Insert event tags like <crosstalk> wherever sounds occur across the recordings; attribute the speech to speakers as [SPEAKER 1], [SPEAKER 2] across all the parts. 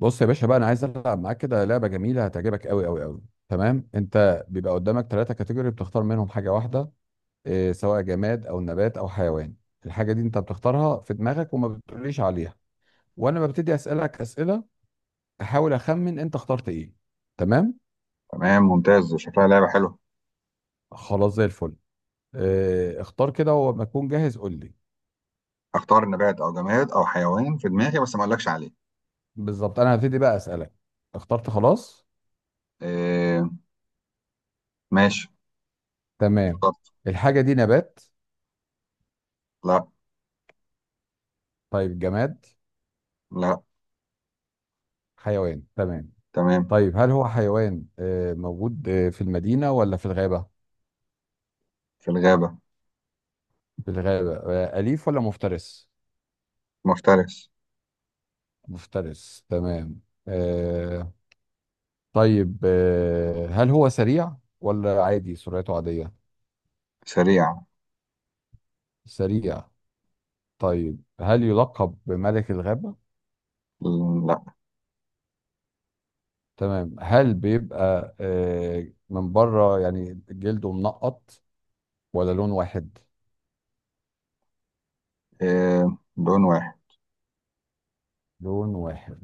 [SPEAKER 1] بص يا باشا بقى، انا عايز العب معاك كده لعبه جميله هتعجبك قوي قوي قوي. تمام، انت بيبقى قدامك ثلاثه كاتيجوري بتختار منهم حاجه واحده. إيه، سواء جماد او نبات او حيوان. الحاجه دي انت بتختارها في دماغك وما بتقوليش عليها. وانا ببتدي اسالك اسئله، احاول اخمن انت اخترت ايه. تمام.
[SPEAKER 2] تمام، ممتاز. شكلها لعبة حلوة.
[SPEAKER 1] خلاص زي الفل. إيه، اختار كده وما اكون جاهز قول لي.
[SPEAKER 2] اختار نبات او جماد او حيوان في دماغي، بس ما اقولكش عليه.
[SPEAKER 1] بالظبط، انا هبتدي بقى اسالك. اخترت خلاص؟
[SPEAKER 2] إيه، ماشي،
[SPEAKER 1] تمام.
[SPEAKER 2] اخترت.
[SPEAKER 1] الحاجه دي نبات؟
[SPEAKER 2] لا.
[SPEAKER 1] طيب جماد؟
[SPEAKER 2] لا.
[SPEAKER 1] حيوان، تمام.
[SPEAKER 2] تمام.
[SPEAKER 1] طيب، هل هو حيوان موجود في المدينة ولا في الغابة؟
[SPEAKER 2] في الغابة.
[SPEAKER 1] في الغابة، أليف ولا مفترس؟
[SPEAKER 2] مفترس.
[SPEAKER 1] مفترس، تمام. آه، طيب، هل هو سريع ولا عادي سرعته عادية؟
[SPEAKER 2] سريع.
[SPEAKER 1] سريع. طيب، هل يلقب بملك الغابة؟
[SPEAKER 2] لا.
[SPEAKER 1] تمام. هل بيبقى من بره يعني جلده منقط ولا لون واحد؟
[SPEAKER 2] إيه، لون واحد.
[SPEAKER 1] لون واحد،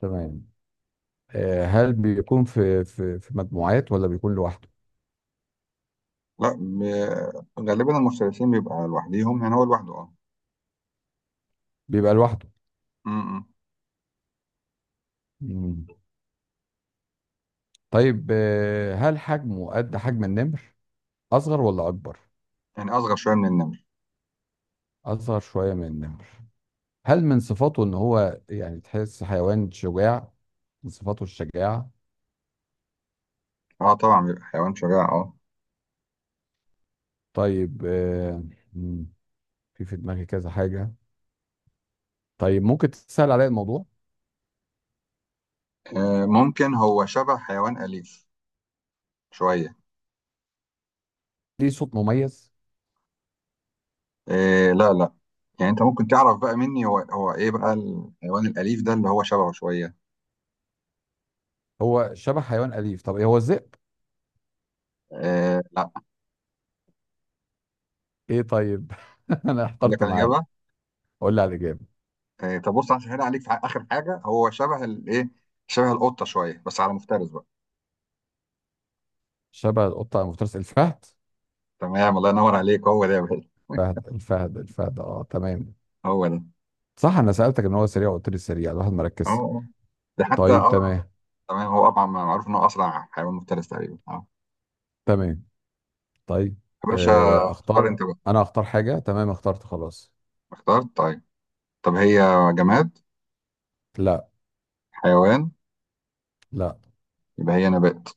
[SPEAKER 1] تمام. هل بيكون في مجموعات ولا بيكون لوحده؟
[SPEAKER 2] لا. غالبا المفترسين بيبقى لوحديهم، يعني هو لوحده، اه.
[SPEAKER 1] بيبقى لوحده.
[SPEAKER 2] م- م.
[SPEAKER 1] مم. طيب، هل حجمه قد حجم النمر، اصغر ولا اكبر؟
[SPEAKER 2] يعني اصغر شوية من النمر.
[SPEAKER 1] اصغر شويه من النمر. هل من صفاته ان هو يعني تحس حيوان شجاع، من صفاته الشجاعه.
[SPEAKER 2] اه، طبعا بيبقى حيوان شجاع، اه.
[SPEAKER 1] طيب. مم، في دماغي كذا حاجه. طيب، ممكن تسهل عليا الموضوع؟
[SPEAKER 2] ممكن هو شبه حيوان أليف شوية.
[SPEAKER 1] ليه صوت مميز؟
[SPEAKER 2] إيه، لا، لا. يعني انت ممكن تعرف بقى مني هو ايه بقى الحيوان الاليف ده اللي هو شبهه شويه.
[SPEAKER 1] هو شبه حيوان اليف، طب ايه هو الذئب؟
[SPEAKER 2] إيه، لا.
[SPEAKER 1] ايه، طيب. <laughs> انا
[SPEAKER 2] اقول لك
[SPEAKER 1] احترت
[SPEAKER 2] على
[SPEAKER 1] معاك.
[SPEAKER 2] الاجابه.
[SPEAKER 1] قول لي على الاجابه.
[SPEAKER 2] إيه، طب بص، هسهل عليك في اخر حاجه، هو شبه الايه؟ شبه القطه شويه، بس على مفترس بقى.
[SPEAKER 1] شبه القطه المفترس الفهد.
[SPEAKER 2] تمام، الله ينور عليك، هو ده يا باشا. <laughs>
[SPEAKER 1] فهد، الفهد الفهد، اه تمام.
[SPEAKER 2] هو ده.
[SPEAKER 1] صح، انا سالتك ان هو سريع وقلت لي سريع، الواحد
[SPEAKER 2] اه،
[SPEAKER 1] مركز.
[SPEAKER 2] آه. ده حتى،
[SPEAKER 1] طيب،
[SPEAKER 2] اه.
[SPEAKER 1] تمام.
[SPEAKER 2] تمام، هو طبعا معروف انه اسرع حيوان مفترس تقريبا، اه.
[SPEAKER 1] تمام. طيب،
[SPEAKER 2] يا باشا. اختار انت
[SPEAKER 1] اختار
[SPEAKER 2] بقى.
[SPEAKER 1] انا اختار حاجه، تمام اخترت خلاص.
[SPEAKER 2] اخترت؟ طيب. طب هي. جماد؟
[SPEAKER 1] لا.
[SPEAKER 2] حيوان؟
[SPEAKER 1] لا.
[SPEAKER 2] يبقى هي نبات.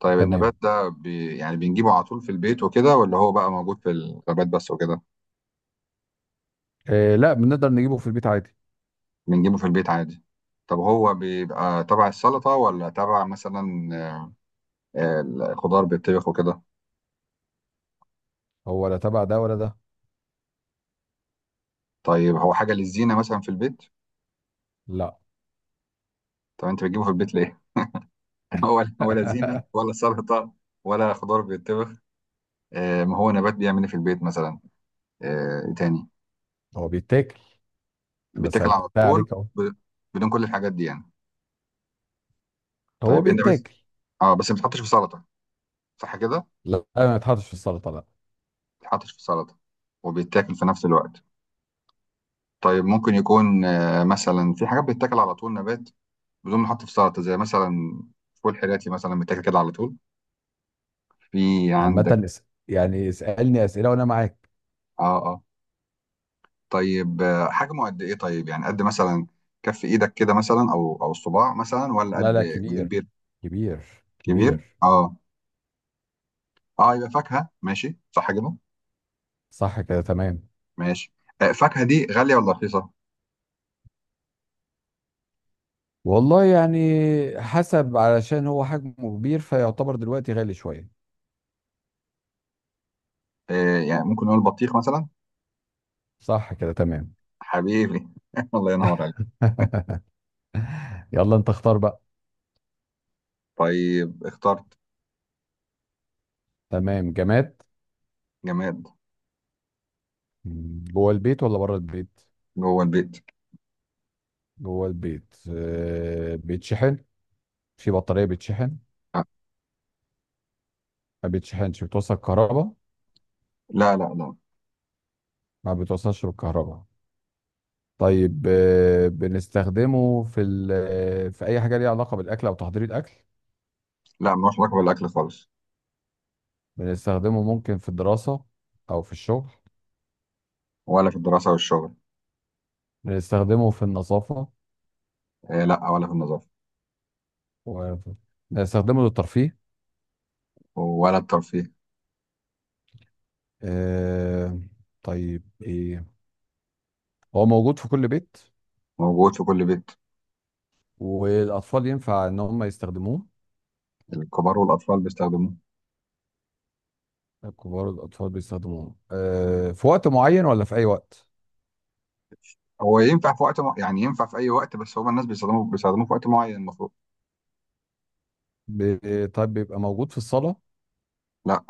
[SPEAKER 2] طيب
[SPEAKER 1] تمام.
[SPEAKER 2] النبات ده يعني بنجيبه على طول في البيت وكده، ولا هو بقى موجود في الغابات بس وكده؟
[SPEAKER 1] لا، بنقدر نجيبه في البيت عادي.
[SPEAKER 2] بنجيبه في البيت عادي. طب هو بيبقى تبع السلطة، ولا تبع مثلا الخضار بيتطبخ وكده؟
[SPEAKER 1] هو لا تبع ده ولا ده.
[SPEAKER 2] طيب هو حاجة للزينة مثلا في البيت؟
[SPEAKER 1] لا.
[SPEAKER 2] طب انت بتجيبه في البيت ليه؟ <laughs> ولا زينة
[SPEAKER 1] <laughs>
[SPEAKER 2] ولا سلطة. ولا خضار بيتطبخ. ما هو نبات بيعمل إيه في البيت مثلا؟ إيه تاني؟
[SPEAKER 1] هو بيتاكل. انا
[SPEAKER 2] بيتاكل على
[SPEAKER 1] سالتها
[SPEAKER 2] طول؟
[SPEAKER 1] عليك اهو.
[SPEAKER 2] ب- بدون كل الحاجات دي يعني؟
[SPEAKER 1] هو
[SPEAKER 2] طيب انت بس.
[SPEAKER 1] بيتاكل.
[SPEAKER 2] اه، بس ما بتحطش في سلطة، صح كده؟
[SPEAKER 1] لا، ما يتحطش في السلطه، لا.
[SPEAKER 2] بيتحطش في سلطة وبيتاكل في نفس الوقت. طيب ممكن يكون مثلا في حاجات بتتاكل على طول نبات بدون ما يتحط في سلطة، زي مثلا فول حراتي مثلا بيتاكل كده على طول. في عندك؟
[SPEAKER 1] عامه يعني اسالني اسئله وانا معاك.
[SPEAKER 2] اه، اه. طيب، حجمه قد ايه؟ طيب يعني قد مثلا كف ايدك كده مثلا، او الصباع مثلا، ولا
[SPEAKER 1] لا
[SPEAKER 2] قد.
[SPEAKER 1] لا،
[SPEAKER 2] ولا
[SPEAKER 1] كبير.
[SPEAKER 2] كبير؟
[SPEAKER 1] كبير.
[SPEAKER 2] كبير.
[SPEAKER 1] كبير.
[SPEAKER 2] اه، اه، يبقى فاكهة، ماشي، صح كده؟
[SPEAKER 1] صح كده، تمام.
[SPEAKER 2] ماشي. فاكهة دي غالية ولا رخيصة؟
[SPEAKER 1] والله يعني، حسب علشان هو حجمه كبير فيعتبر دلوقتي غالي شوية.
[SPEAKER 2] يعني ممكن نقول بطيخ مثلا.
[SPEAKER 1] صح كده، تمام.
[SPEAKER 2] حبيبي. <laughs> الله ينور عليك.
[SPEAKER 1] <laughs> يلا انت اختار بقى.
[SPEAKER 2] طيب، اخترت.
[SPEAKER 1] تمام، جماد.
[SPEAKER 2] جماد.
[SPEAKER 1] جوه البيت ولا بره البيت؟
[SPEAKER 2] جوه البيت.
[SPEAKER 1] جوه البيت، بيتشحن؟ في بطارية بيتشحن؟ ما بيتشحنش؟ بتوصل كهرباء؟
[SPEAKER 2] لا، لا، لا، لا.
[SPEAKER 1] ما بتوصلش بالكهرباء. طيب، بنستخدمه في ال- آه، في اي حاجة ليها علاقة بالاكل او تحضير الاكل؟
[SPEAKER 2] لا، ملوش علاقة بالأكل خالص.
[SPEAKER 1] بنستخدمه ممكن في الدراسة، او في الشغل؟
[SPEAKER 2] ولا في الدراسة والشغل.
[SPEAKER 1] بنستخدمه في النظافة؟
[SPEAKER 2] إيه، لا، ولا في النظافة.
[SPEAKER 1] و- استخدمه للترفيه؟
[SPEAKER 2] ولا الترفيه.
[SPEAKER 1] آه، طيب ايه، هو موجود في كل بيت؟
[SPEAKER 2] موجود في كل بيت.
[SPEAKER 1] والاطفال ينفع ان هم يستخدموه؟
[SPEAKER 2] الكبار والأطفال بيستخدموه.
[SPEAKER 1] الكبار والاطفال بيستخدموه في وقت معين ولا في اي وقت؟
[SPEAKER 2] هو ينفع في وقت يعني ينفع في أي وقت، بس هما الناس بيستخدموه في وقت معين المفروض.
[SPEAKER 1] طيب، بيبقى موجود في الصالة؟
[SPEAKER 2] لا.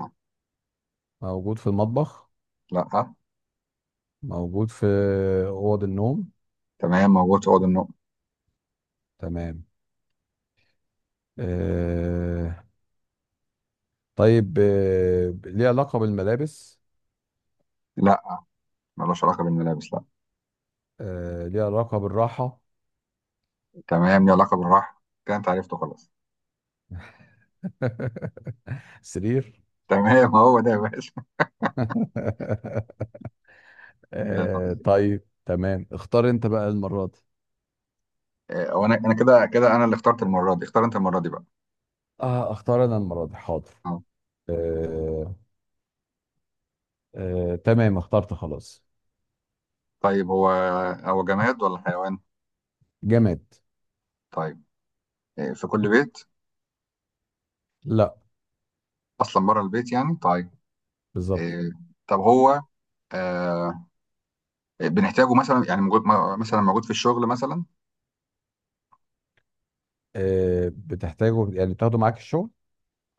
[SPEAKER 1] موجود في المطبخ؟
[SPEAKER 2] لا.
[SPEAKER 1] موجود في اوض النوم؟
[SPEAKER 2] تمام، موجود في أوض النوم.
[SPEAKER 1] تمام. آه، طيب، ليه علاقة بالملابس؟
[SPEAKER 2] لا، ملوش علاقة بالملابس، لا.
[SPEAKER 1] ليه علاقة بالراحة؟
[SPEAKER 2] تمام، ليه علاقة بالراحة، كده أنت عرفته خلاص.
[SPEAKER 1] <laughs> سرير.
[SPEAKER 2] <laughs> تمام، هو ده يا باشا. <laughs>
[SPEAKER 1] <laughs>
[SPEAKER 2] لا.
[SPEAKER 1] آه، طيب، تمام، اختار انت بقى المرة دي.
[SPEAKER 2] إيه، وأنا كده كده أنا اللي اخترت المرة دي، اختار أنت المرة دي بقى.
[SPEAKER 1] اه، اختار انا المرة دي، حاضر.
[SPEAKER 2] أه.
[SPEAKER 1] آه آه تمام، اخترت خلاص.
[SPEAKER 2] طيب هو جماد ولا حيوان؟
[SPEAKER 1] جماد.
[SPEAKER 2] طيب، في كل بيت؟
[SPEAKER 1] لا.
[SPEAKER 2] اصلا بره البيت يعني، طيب.
[SPEAKER 1] بالظبط.
[SPEAKER 2] آه، طب هو آه، بنحتاجه مثلا، يعني موجود مثلا موجود في الشغل مثلا؟
[SPEAKER 1] آه، بتحتاجه يعني تاخده معاك الشغل؟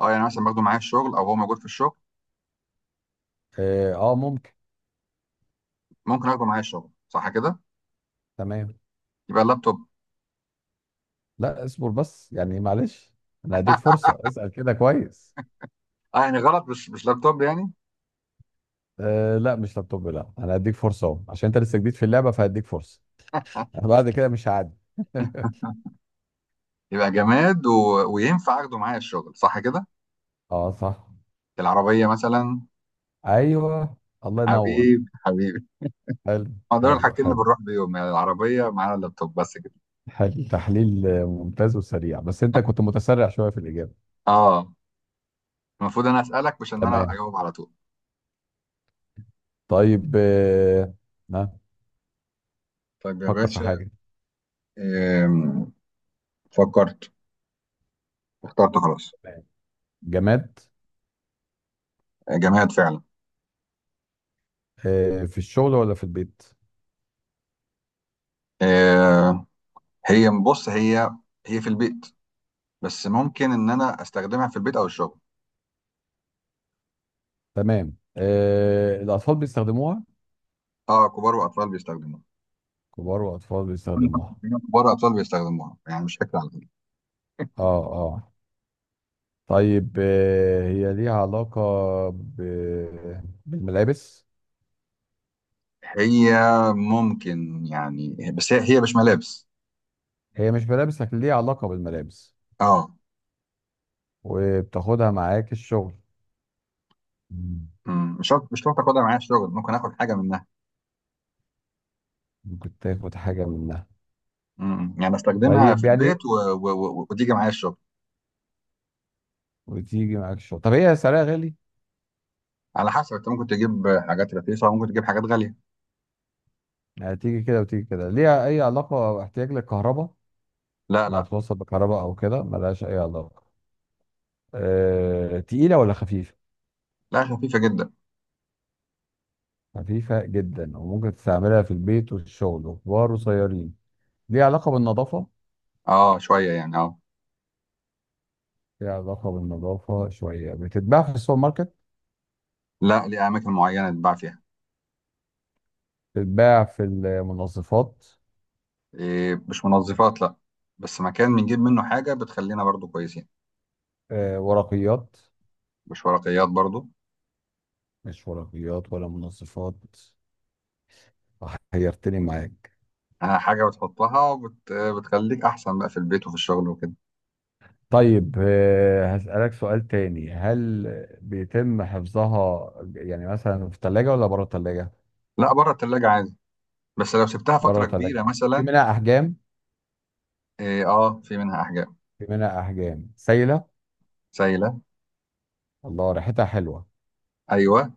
[SPEAKER 2] اه، يعني مثلا باخده معايا الشغل او هو موجود في الشغل.
[SPEAKER 1] اه، ممكن.
[SPEAKER 2] ممكن اخده معايا الشغل، صح كده؟
[SPEAKER 1] تمام.
[SPEAKER 2] يبقى اللابتوب.
[SPEAKER 1] لا، اصبر بس يعني معلش، انا هديك
[SPEAKER 2] <laughs>
[SPEAKER 1] فرصة اسأل كده كويس.
[SPEAKER 2] اه، يعني غلط، مش لابتوب يعني؟
[SPEAKER 1] آه لا، مش لابتوب، لا. انا هديك فرصة اهو عشان انت لسه جديد في اللعبة فهديك فرصة. <laughs> بعد كده مش هعدي. <laughs>
[SPEAKER 2] يبقى جماد وينفع اخده معايا الشغل، صح كده؟
[SPEAKER 1] اه، صح.
[SPEAKER 2] العربيه مثلا.
[SPEAKER 1] ايوه. الله ينور.
[SPEAKER 2] حبيبي حبيبي.
[SPEAKER 1] حلو.
[SPEAKER 2] ما دول
[SPEAKER 1] حلو
[SPEAKER 2] الحاجتين اللي
[SPEAKER 1] حلو.
[SPEAKER 2] بنروح بيهم، يعني العربيه معانا اللابتوب بس كده.
[SPEAKER 1] تحليل، ممتاز وسريع، بس انت كنت متسرع شويه في الاجابه.
[SPEAKER 2] اه، المفروض انا اسالك، مش ان انا
[SPEAKER 1] تمام.
[SPEAKER 2] اجاوب على طول.
[SPEAKER 1] طيب. ها.
[SPEAKER 2] طيب يا
[SPEAKER 1] فكر في
[SPEAKER 2] باشا.
[SPEAKER 1] حاجه.
[SPEAKER 2] آم، فكرت. اخترت خلاص.
[SPEAKER 1] تمام. جماد.
[SPEAKER 2] جماد فعلا.
[SPEAKER 1] في الشغل ولا في البيت؟
[SPEAKER 2] آه، هي، بص، هي في البيت. بس ممكن ان انا استخدمها في البيت او الشغل.
[SPEAKER 1] تمام. الاطفال بيستخدموها؟
[SPEAKER 2] اه، كبار واطفال بيستخدموها.
[SPEAKER 1] كبار واطفال بيستخدموها.
[SPEAKER 2] <laughs> كبار واطفال بيستخدموها يعني، مش فكره على فكره.
[SPEAKER 1] اه اه. طيب، هي ليها علاقه ب... بالملابس؟
[SPEAKER 2] هي ممكن يعني بس، هي مش ملابس.
[SPEAKER 1] هي مش ملابس لكن ليها علاقه بالملابس،
[SPEAKER 2] اه.
[SPEAKER 1] وبتاخدها معاك الشغل. مم.
[SPEAKER 2] مش شرط اخدها معايا الشغل، ممكن اخد حاجه منها.
[SPEAKER 1] ممكن تاخد حاجه منها؟
[SPEAKER 2] يعني استخدمها في
[SPEAKER 1] طيب
[SPEAKER 2] البيت
[SPEAKER 1] يعني،
[SPEAKER 2] وتيجي معايا الشغل.
[SPEAKER 1] وتيجي معاك الشغل. طب هي سعرها غالي؟
[SPEAKER 2] على حسب، انت ممكن تجيب حاجات رخيصه وممكن تجيب حاجات غاليه.
[SPEAKER 1] يعني تيجي كده وتيجي كده. ليها اي علاقه او احتياج للكهرباء،
[SPEAKER 2] لا،
[SPEAKER 1] انها
[SPEAKER 2] لا.
[SPEAKER 1] توصل بكهرباء او كده، ملهاش اي علاقه. تقيله ولا خفيفه؟
[SPEAKER 2] لا، خفيفه جدا.
[SPEAKER 1] خفيفه جدا، وممكن تستعملها في البيت وفي الشغل، وكبار وصغيرين. ليها علاقه بالنظافه؟
[SPEAKER 2] اه، شويه يعني، اه.
[SPEAKER 1] ليها علاقه بالنظافه شويه. بتتباع في السوبر ماركت؟
[SPEAKER 2] لا، ليه اماكن معينه تتباع فيها.
[SPEAKER 1] بتتباع في المنظفات؟
[SPEAKER 2] إيه، مش منظفات، لا. بس مكان بنجيب منه حاجه بتخلينا برضو كويسين.
[SPEAKER 1] ورقيات؟
[SPEAKER 2] مش ورقيات برضو.
[SPEAKER 1] مش ورقيات ولا منظفات. حيرتني معاك.
[SPEAKER 2] حاجه بتحطها بتخليك احسن بقى في البيت وفي الشغل وكده.
[SPEAKER 1] طيب، هسألك سؤال تاني، هل بيتم حفظها يعني مثلا في الثلاجة ولا بره الثلاجة؟
[SPEAKER 2] لا، بره التلاجة عادي. بس لو سبتها
[SPEAKER 1] بره
[SPEAKER 2] فتره
[SPEAKER 1] الثلاجة.
[SPEAKER 2] كبيره
[SPEAKER 1] يعني في
[SPEAKER 2] مثلا.
[SPEAKER 1] منها أحجام؟
[SPEAKER 2] إيه، اه، في منها احجام.
[SPEAKER 1] في منها أحجام سايلة.
[SPEAKER 2] سايله.
[SPEAKER 1] الله، ريحتها حلوة.
[SPEAKER 2] ايوه.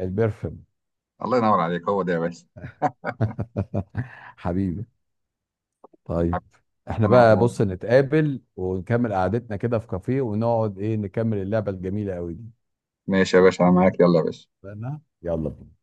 [SPEAKER 1] البرفم.
[SPEAKER 2] الله ينور عليك، هو ده يا باشا.
[SPEAKER 1] <laughs> حبيبي. طيب، احنا
[SPEAKER 2] انا.
[SPEAKER 1] بقى بص نتقابل ونكمل قعدتنا كده في كافيه، ونقعد ايه، نكمل اللعبة الجميلة قوي دي.
[SPEAKER 2] ماشي يا باشا، انا معاك، يلا يا باشا.
[SPEAKER 1] اتفقنا؟ يلا بينا.